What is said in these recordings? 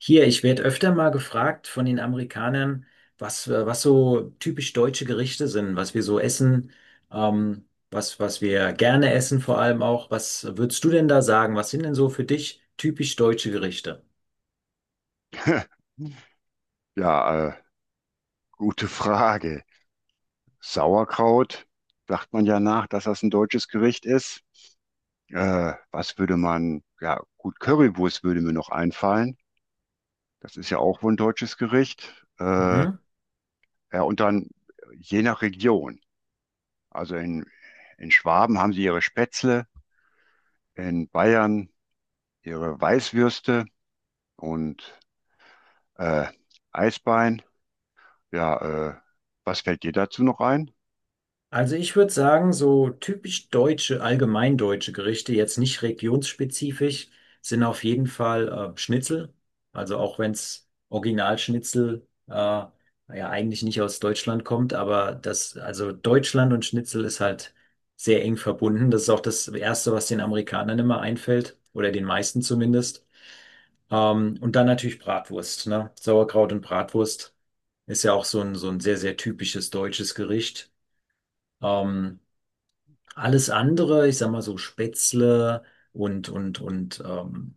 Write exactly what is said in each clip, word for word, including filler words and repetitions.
Hier, ich werde öfter mal gefragt von den Amerikanern, was, äh, was so typisch deutsche Gerichte sind, was wir so essen, ähm, was, was wir gerne essen vor allem auch. Was würdest du denn da sagen? Was sind denn so für dich typisch deutsche Gerichte? Ja, äh, Gute Frage. Sauerkraut, sagt man ja nach, dass das ein deutsches Gericht ist. Äh, was würde man, ja, gut, Currywurst würde mir noch einfallen. Das ist ja auch wohl ein deutsches Gericht. Äh, Mhm. Ja, und dann je nach Region. Also in, in Schwaben haben sie ihre Spätzle, in Bayern ihre Weißwürste und äh, Eisbein. Ja, äh, Was fällt dir dazu noch ein? Also ich würde sagen, so typisch deutsche, allgemeindeutsche Gerichte, jetzt nicht regionsspezifisch, sind auf jeden Fall äh, Schnitzel. Also auch wenn es Originalschnitzel äh, ja eigentlich nicht aus Deutschland kommt, aber das, also Deutschland und Schnitzel ist halt sehr eng verbunden. Das ist auch das Erste, was den Amerikanern immer einfällt, oder den meisten zumindest. Ähm, und dann natürlich Bratwurst, ne? Sauerkraut und Bratwurst ist ja auch so ein, so ein sehr, sehr typisches deutsches Gericht. Ähm, alles andere, ich sag mal so Spätzle und und und ähm,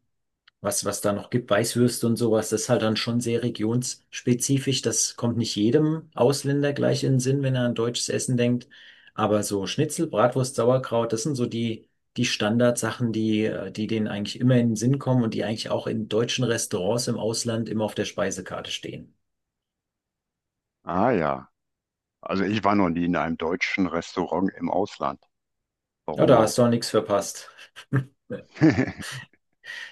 was was da noch gibt, Weißwürste und sowas, das ist halt dann schon sehr regionsspezifisch. Das kommt nicht jedem Ausländer gleich in den Sinn, wenn er an deutsches Essen denkt. Aber so Schnitzel, Bratwurst, Sauerkraut, das sind so die die Standardsachen, die äh, die denen eigentlich immer in den Sinn kommen und die eigentlich auch in deutschen Restaurants im Ausland immer auf der Speisekarte stehen. Ah ja. Also ich war noch nie in einem deutschen Restaurant im Ausland. Ja, Warum da hast du auch? auch nichts verpasst.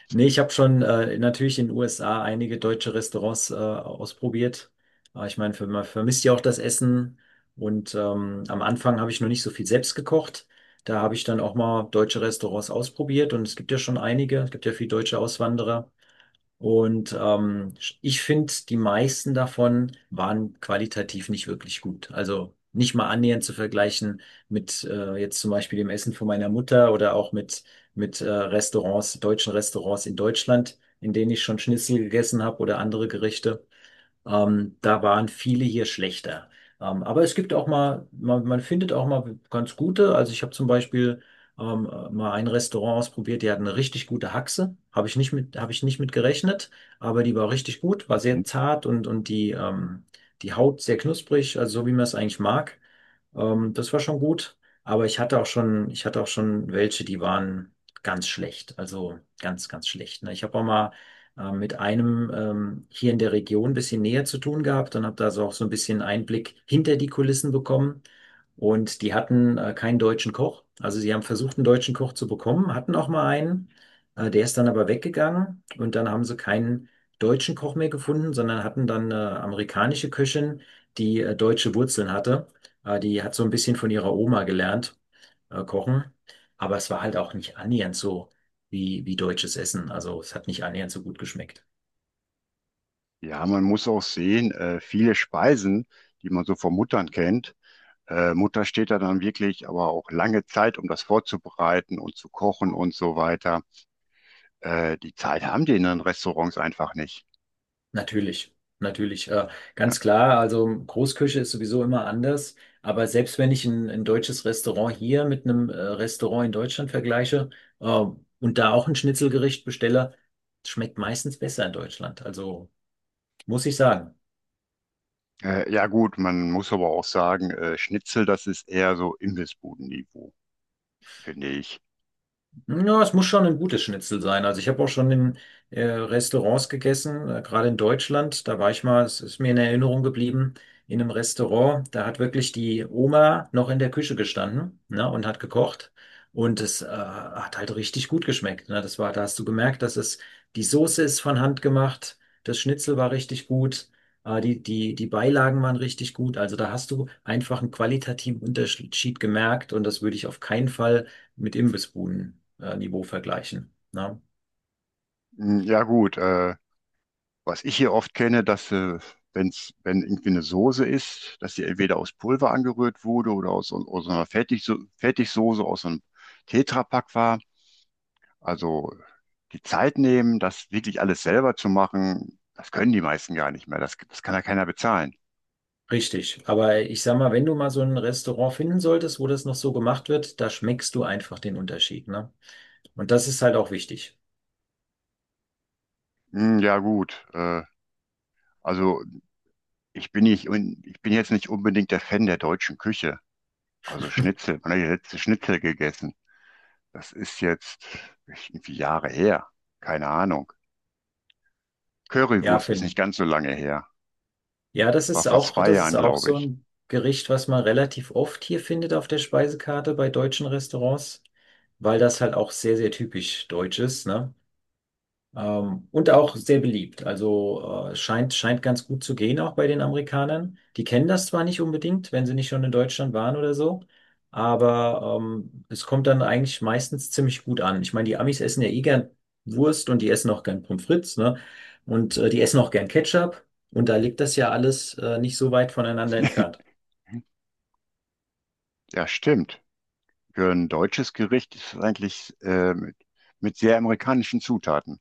Nee, ich habe schon äh, natürlich in den U S A einige deutsche Restaurants äh, ausprobiert. Aber ich meine, man vermisst ja auch das Essen. Und ähm, am Anfang habe ich noch nicht so viel selbst gekocht. Da habe ich dann auch mal deutsche Restaurants ausprobiert. Und es gibt ja schon einige. Es gibt ja viele deutsche Auswanderer. Und ähm, ich finde, die meisten davon waren qualitativ nicht wirklich gut. Also nicht mal annähernd zu vergleichen mit äh, jetzt zum Beispiel dem Essen von meiner Mutter oder auch mit, mit äh, Restaurants, deutschen Restaurants in Deutschland, in denen ich schon Schnitzel gegessen habe oder andere Gerichte. Ähm, da waren viele hier schlechter. Ähm, aber es gibt auch mal, man, man findet auch mal ganz gute. Also ich habe zum Beispiel ähm, mal ein Restaurant ausprobiert, die hatten eine richtig gute Haxe. Habe ich nicht mit, habe ich nicht mit gerechnet, aber die war richtig gut, war sehr zart und, und die, ähm, die Haut sehr knusprig, also so wie man es eigentlich mag. Ähm, das war schon gut. Aber ich hatte auch schon, ich hatte auch schon welche, die waren ganz schlecht. Also ganz, ganz schlecht. Ne? Ich habe auch mal äh, mit einem ähm, hier in der Region ein bisschen näher zu tun gehabt und habe da so auch so ein bisschen Einblick hinter die Kulissen bekommen. Und die hatten äh, keinen deutschen Koch. Also sie haben versucht, einen deutschen Koch zu bekommen, hatten auch mal einen. Äh, der ist dann aber weggegangen und dann haben sie keinen deutschen Koch mehr gefunden, sondern hatten dann eine amerikanische Köchin, die äh, deutsche Wurzeln hatte. Äh, die hat so ein bisschen von ihrer Oma gelernt, äh, kochen. Aber es war halt auch nicht annähernd so wie, wie deutsches Essen. Also es hat nicht annähernd so gut geschmeckt. Ja, man muss auch sehen, äh, viele Speisen, die man so von Muttern kennt, äh, Mutter steht da dann wirklich aber auch lange Zeit, um das vorzubereiten und zu kochen und so weiter. Äh, die Zeit haben die in den Restaurants einfach nicht. Natürlich, natürlich. Äh, Ja. ganz klar, also Großküche ist sowieso immer anders. Aber selbst wenn ich ein, ein deutsches Restaurant hier mit einem äh, Restaurant in Deutschland vergleiche äh, und da auch ein Schnitzelgericht bestelle, schmeckt meistens besser in Deutschland. Also muss ich sagen. Äh, ja gut, man muss aber auch sagen, äh, Schnitzel, das ist eher so Imbissbuden-Niveau, finde ich. Ja, es muss schon ein gutes Schnitzel sein. Also ich habe auch schon in äh, Restaurants gegessen, äh, gerade in Deutschland. Da war ich mal, es ist mir in Erinnerung geblieben, in einem Restaurant. Da hat wirklich die Oma noch in der Küche gestanden, ne, und hat gekocht. Und es äh, hat halt richtig gut geschmeckt. Ne? Das war, da hast du gemerkt, dass es die Soße ist von Hand gemacht, das Schnitzel war richtig gut, äh, die, die, die Beilagen waren richtig gut. Also da hast du einfach einen qualitativen Unterschied gemerkt und das würde ich auf keinen Fall mit Imbissbuden-Niveau vergleichen. Ne? Hm, ja gut, äh, was ich hier oft kenne, dass äh, wenn's, wenn irgendwie eine Soße ist, dass sie entweder aus Pulver angerührt wurde oder aus, so- aus so einer Fertigso Fertigsoße, aus einem Tetrapack war. Also die Zeit nehmen, das wirklich alles selber zu machen, das können die meisten gar nicht mehr. Das, das kann ja keiner bezahlen. Richtig. Aber ich sag mal, wenn du mal so ein Restaurant finden solltest, wo das noch so gemacht wird, da schmeckst du einfach den Unterschied. Ne? Und das ist halt auch wichtig. Hm, ja gut, äh, also ich bin nicht, un- ich bin jetzt nicht unbedingt der Fan der deutschen Küche. Also Schnitzel, man hat ja letzte Schnitzel gegessen. Das ist jetzt irgendwie Jahre her. Keine Ahnung. Ja, Currywurst ist finde nicht ich. ganz so lange her. Ja, Das das war ist vor auch, zwei das ist Jahren, auch glaube so ich. ein Gericht, was man relativ oft hier findet auf der Speisekarte bei deutschen Restaurants, weil das halt auch sehr, sehr typisch deutsch ist, ne? Ähm, und auch sehr beliebt. Also äh, scheint, scheint ganz gut zu gehen auch bei den Amerikanern. Die kennen das zwar nicht unbedingt, wenn sie nicht schon in Deutschland waren oder so, aber ähm, es kommt dann eigentlich meistens ziemlich gut an. Ich meine, die Amis essen ja eh gern Wurst und die essen auch gern Pommes frites, ne? Und äh, die essen auch gern Ketchup. Und da liegt das ja alles äh, nicht so weit voneinander entfernt. Ja, stimmt. Für ein deutsches Gericht ist es eigentlich äh, mit, mit sehr amerikanischen Zutaten,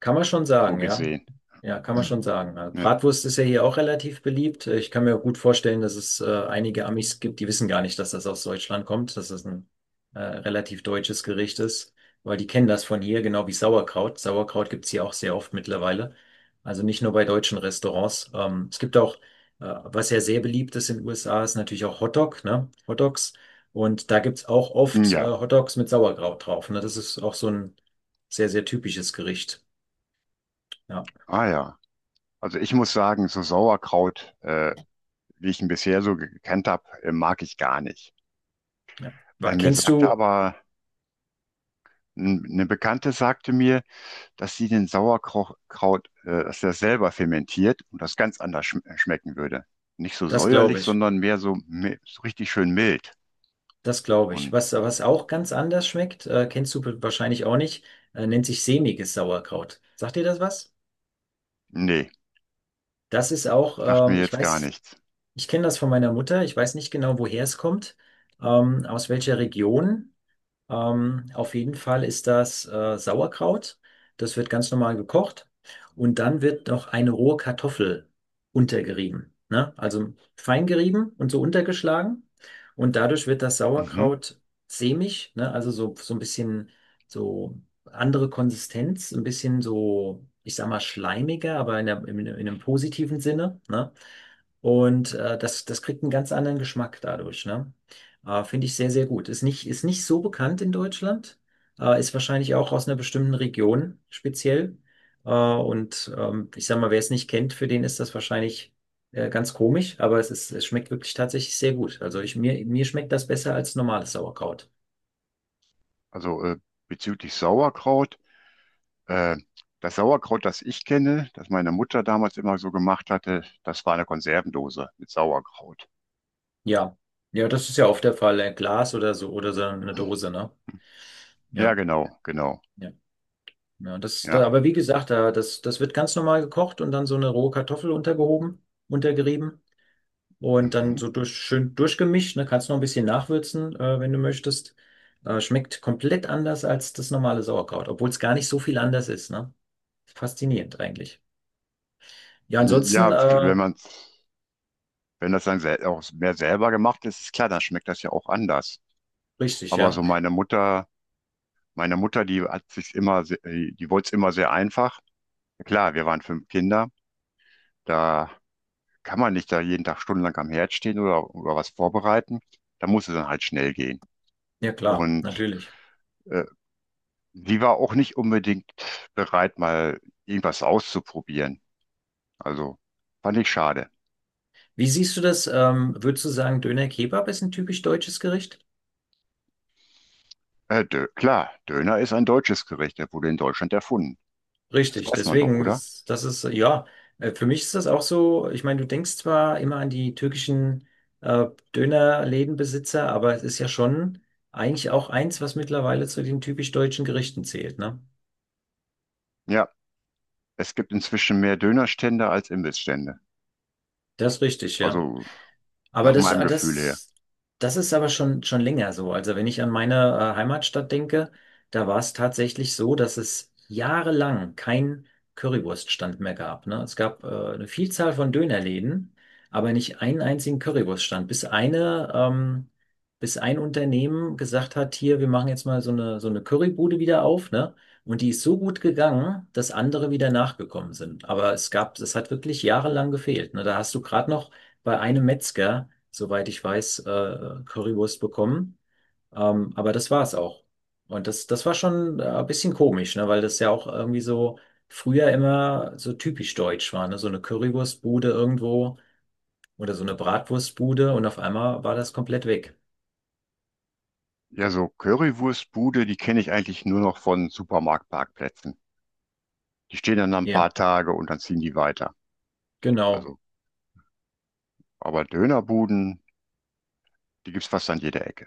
Kann man schon so sagen, ja. gesehen. Ja, kann man schon sagen. Also Ja. Bratwurst ist ja hier auch relativ beliebt. Ich kann mir gut vorstellen, dass es äh, einige Amis gibt, die wissen gar nicht, dass das aus Deutschland kommt, dass das ein äh, relativ deutsches Gericht ist, weil die kennen das von hier, genau wie Sauerkraut. Sauerkraut gibt's hier auch sehr oft mittlerweile. Also nicht nur bei deutschen Restaurants. Ähm, es gibt auch, äh, was ja sehr beliebt ist in den U S A, ist natürlich auch Hotdog, ne? Hotdogs. Und da gibt's auch Hm, oft äh, ja, Hotdogs mit Sauerkraut drauf. Ne? Das ist auch so ein sehr, sehr typisches Gericht. Ja, ah ja. Also ich muss sagen, so Sauerkraut, äh, wie ich ihn bisher so gekannt habe, äh, mag ich gar nicht. ja. Äh, Wa- mir Kennst sagte du, aber, n- Eine Bekannte sagte mir, dass sie den Sauerkraut, äh, dass er selber fermentiert und das ganz anders schm schmecken würde. Nicht so das glaube säuerlich, ich, sondern mehr so, mi- so richtig schön mild. das glaube ich. Und Was, was auch ganz anders schmeckt, äh, kennst du wahrscheinlich auch nicht, äh, nennt sich sämiges Sauerkraut. Sagt dir das was? nee, Das ist auch, sagt mir ähm, ich jetzt gar weiß, nichts. ich kenne das von meiner Mutter, ich weiß nicht genau, woher es kommt, ähm, aus welcher Region. Ähm, auf jeden Fall ist das äh, Sauerkraut. Das wird ganz normal gekocht und dann wird noch eine rohe Kartoffel untergerieben, ne? Also fein gerieben und so untergeschlagen und dadurch wird das Mhm. Sauerkraut sämig, ne? Also so, so ein bisschen so andere Konsistenz, ein bisschen so, ich sag mal schleimiger, aber in, der, in, in einem positiven Sinne, ne? Und äh, das, das kriegt einen ganz anderen Geschmack dadurch, ne? Äh, finde ich sehr, sehr gut. Ist nicht, ist nicht so bekannt in Deutschland, äh, ist wahrscheinlich auch aus einer bestimmten Region speziell. Äh, und ähm, ich sag mal, wer es nicht kennt, für den ist das wahrscheinlich äh, ganz komisch, aber es ist, es schmeckt wirklich tatsächlich sehr gut. Also ich, mir, mir schmeckt das besser als normales Sauerkraut. Also äh, bezüglich Sauerkraut, äh, das Sauerkraut, das ich kenne, das meine Mutter damals immer so gemacht hatte, das war eine Konservendose mit Sauerkraut. Ja. Ja, das ist ja oft der Fall. Ein Glas oder so oder so eine Dose, ne? Ja, Ja, genau, genau. ja. Ja, das, da, Ja, aber wie gesagt, da, das, das wird ganz normal gekocht und dann so eine rohe Kartoffel untergehoben, untergerieben. Und dann mhm. so durch, schön durchgemischt, ne? Kannst noch ein bisschen nachwürzen, äh, wenn du möchtest. Äh, schmeckt komplett anders als das normale Sauerkraut, obwohl es gar nicht so viel anders ist, ne? Faszinierend eigentlich. Ja, ansonsten, Ja, äh, wenn man, wenn das dann sel- auch mehr selber gemacht ist, ist klar, dann schmeckt das ja auch anders. richtig, Aber ja. so meine Mutter, meine Mutter, die hat sich immer, se- äh, die wollte es immer sehr einfach. Klar, wir waren fünf Kinder, da kann man nicht da jeden Tag stundenlang am Herd stehen oder, oder was vorbereiten. Da muss es dann halt schnell gehen. Ja, klar, Und natürlich. äh, sie war auch nicht unbedingt bereit, mal irgendwas auszuprobieren. Also fand ich schade. Wie siehst du das? Ähm, würdest du sagen, Döner Kebab ist ein typisch deutsches Gericht? Äh, Dö Klar, Döner ist ein deutsches Gericht, der wurde in Deutschland erfunden. Das Richtig, weiß man doch, deswegen, oder? das, das ist, ja, äh, für mich ist das auch so, ich meine, du denkst zwar immer an die türkischen äh, Dönerlädenbesitzer, aber es ist ja schon eigentlich auch eins, was mittlerweile zu den typisch deutschen Gerichten zählt, ne? Ja, es gibt inzwischen mehr Dönerstände als Imbissstände. Das ist richtig, ja. Also Aber nach das, meinem ah, Gefühl her. das, das ist aber schon, schon länger so. Also wenn ich an meine äh, Heimatstadt denke, da war es tatsächlich so, dass es jahrelang keinen Currywurststand mehr gab. Ne? Es gab äh, eine Vielzahl von Dönerläden, aber nicht einen einzigen Currywurststand. Bis eine, ähm, bis ein Unternehmen gesagt hat, hier, wir machen jetzt mal so eine, so eine Currybude wieder auf, ne? Und die ist so gut gegangen, dass andere wieder nachgekommen sind. Aber es gab, es hat wirklich jahrelang gefehlt. Ne? Da hast du gerade noch bei einem Metzger, soweit ich weiß, äh, Currywurst bekommen. Ähm, aber das war es auch. Und das, das war schon äh, ein bisschen komisch, ne? Weil das ja auch irgendwie so früher immer so typisch deutsch war, ne? So eine Currywurstbude irgendwo oder so eine Bratwurstbude und auf einmal war das komplett weg. Ja, so Currywurstbude, die kenne ich eigentlich nur noch von Supermarktparkplätzen. Die stehen dann ein Ja, paar Tage und dann ziehen die weiter. genau. Also, aber Dönerbuden, die gibt's fast an jeder Ecke.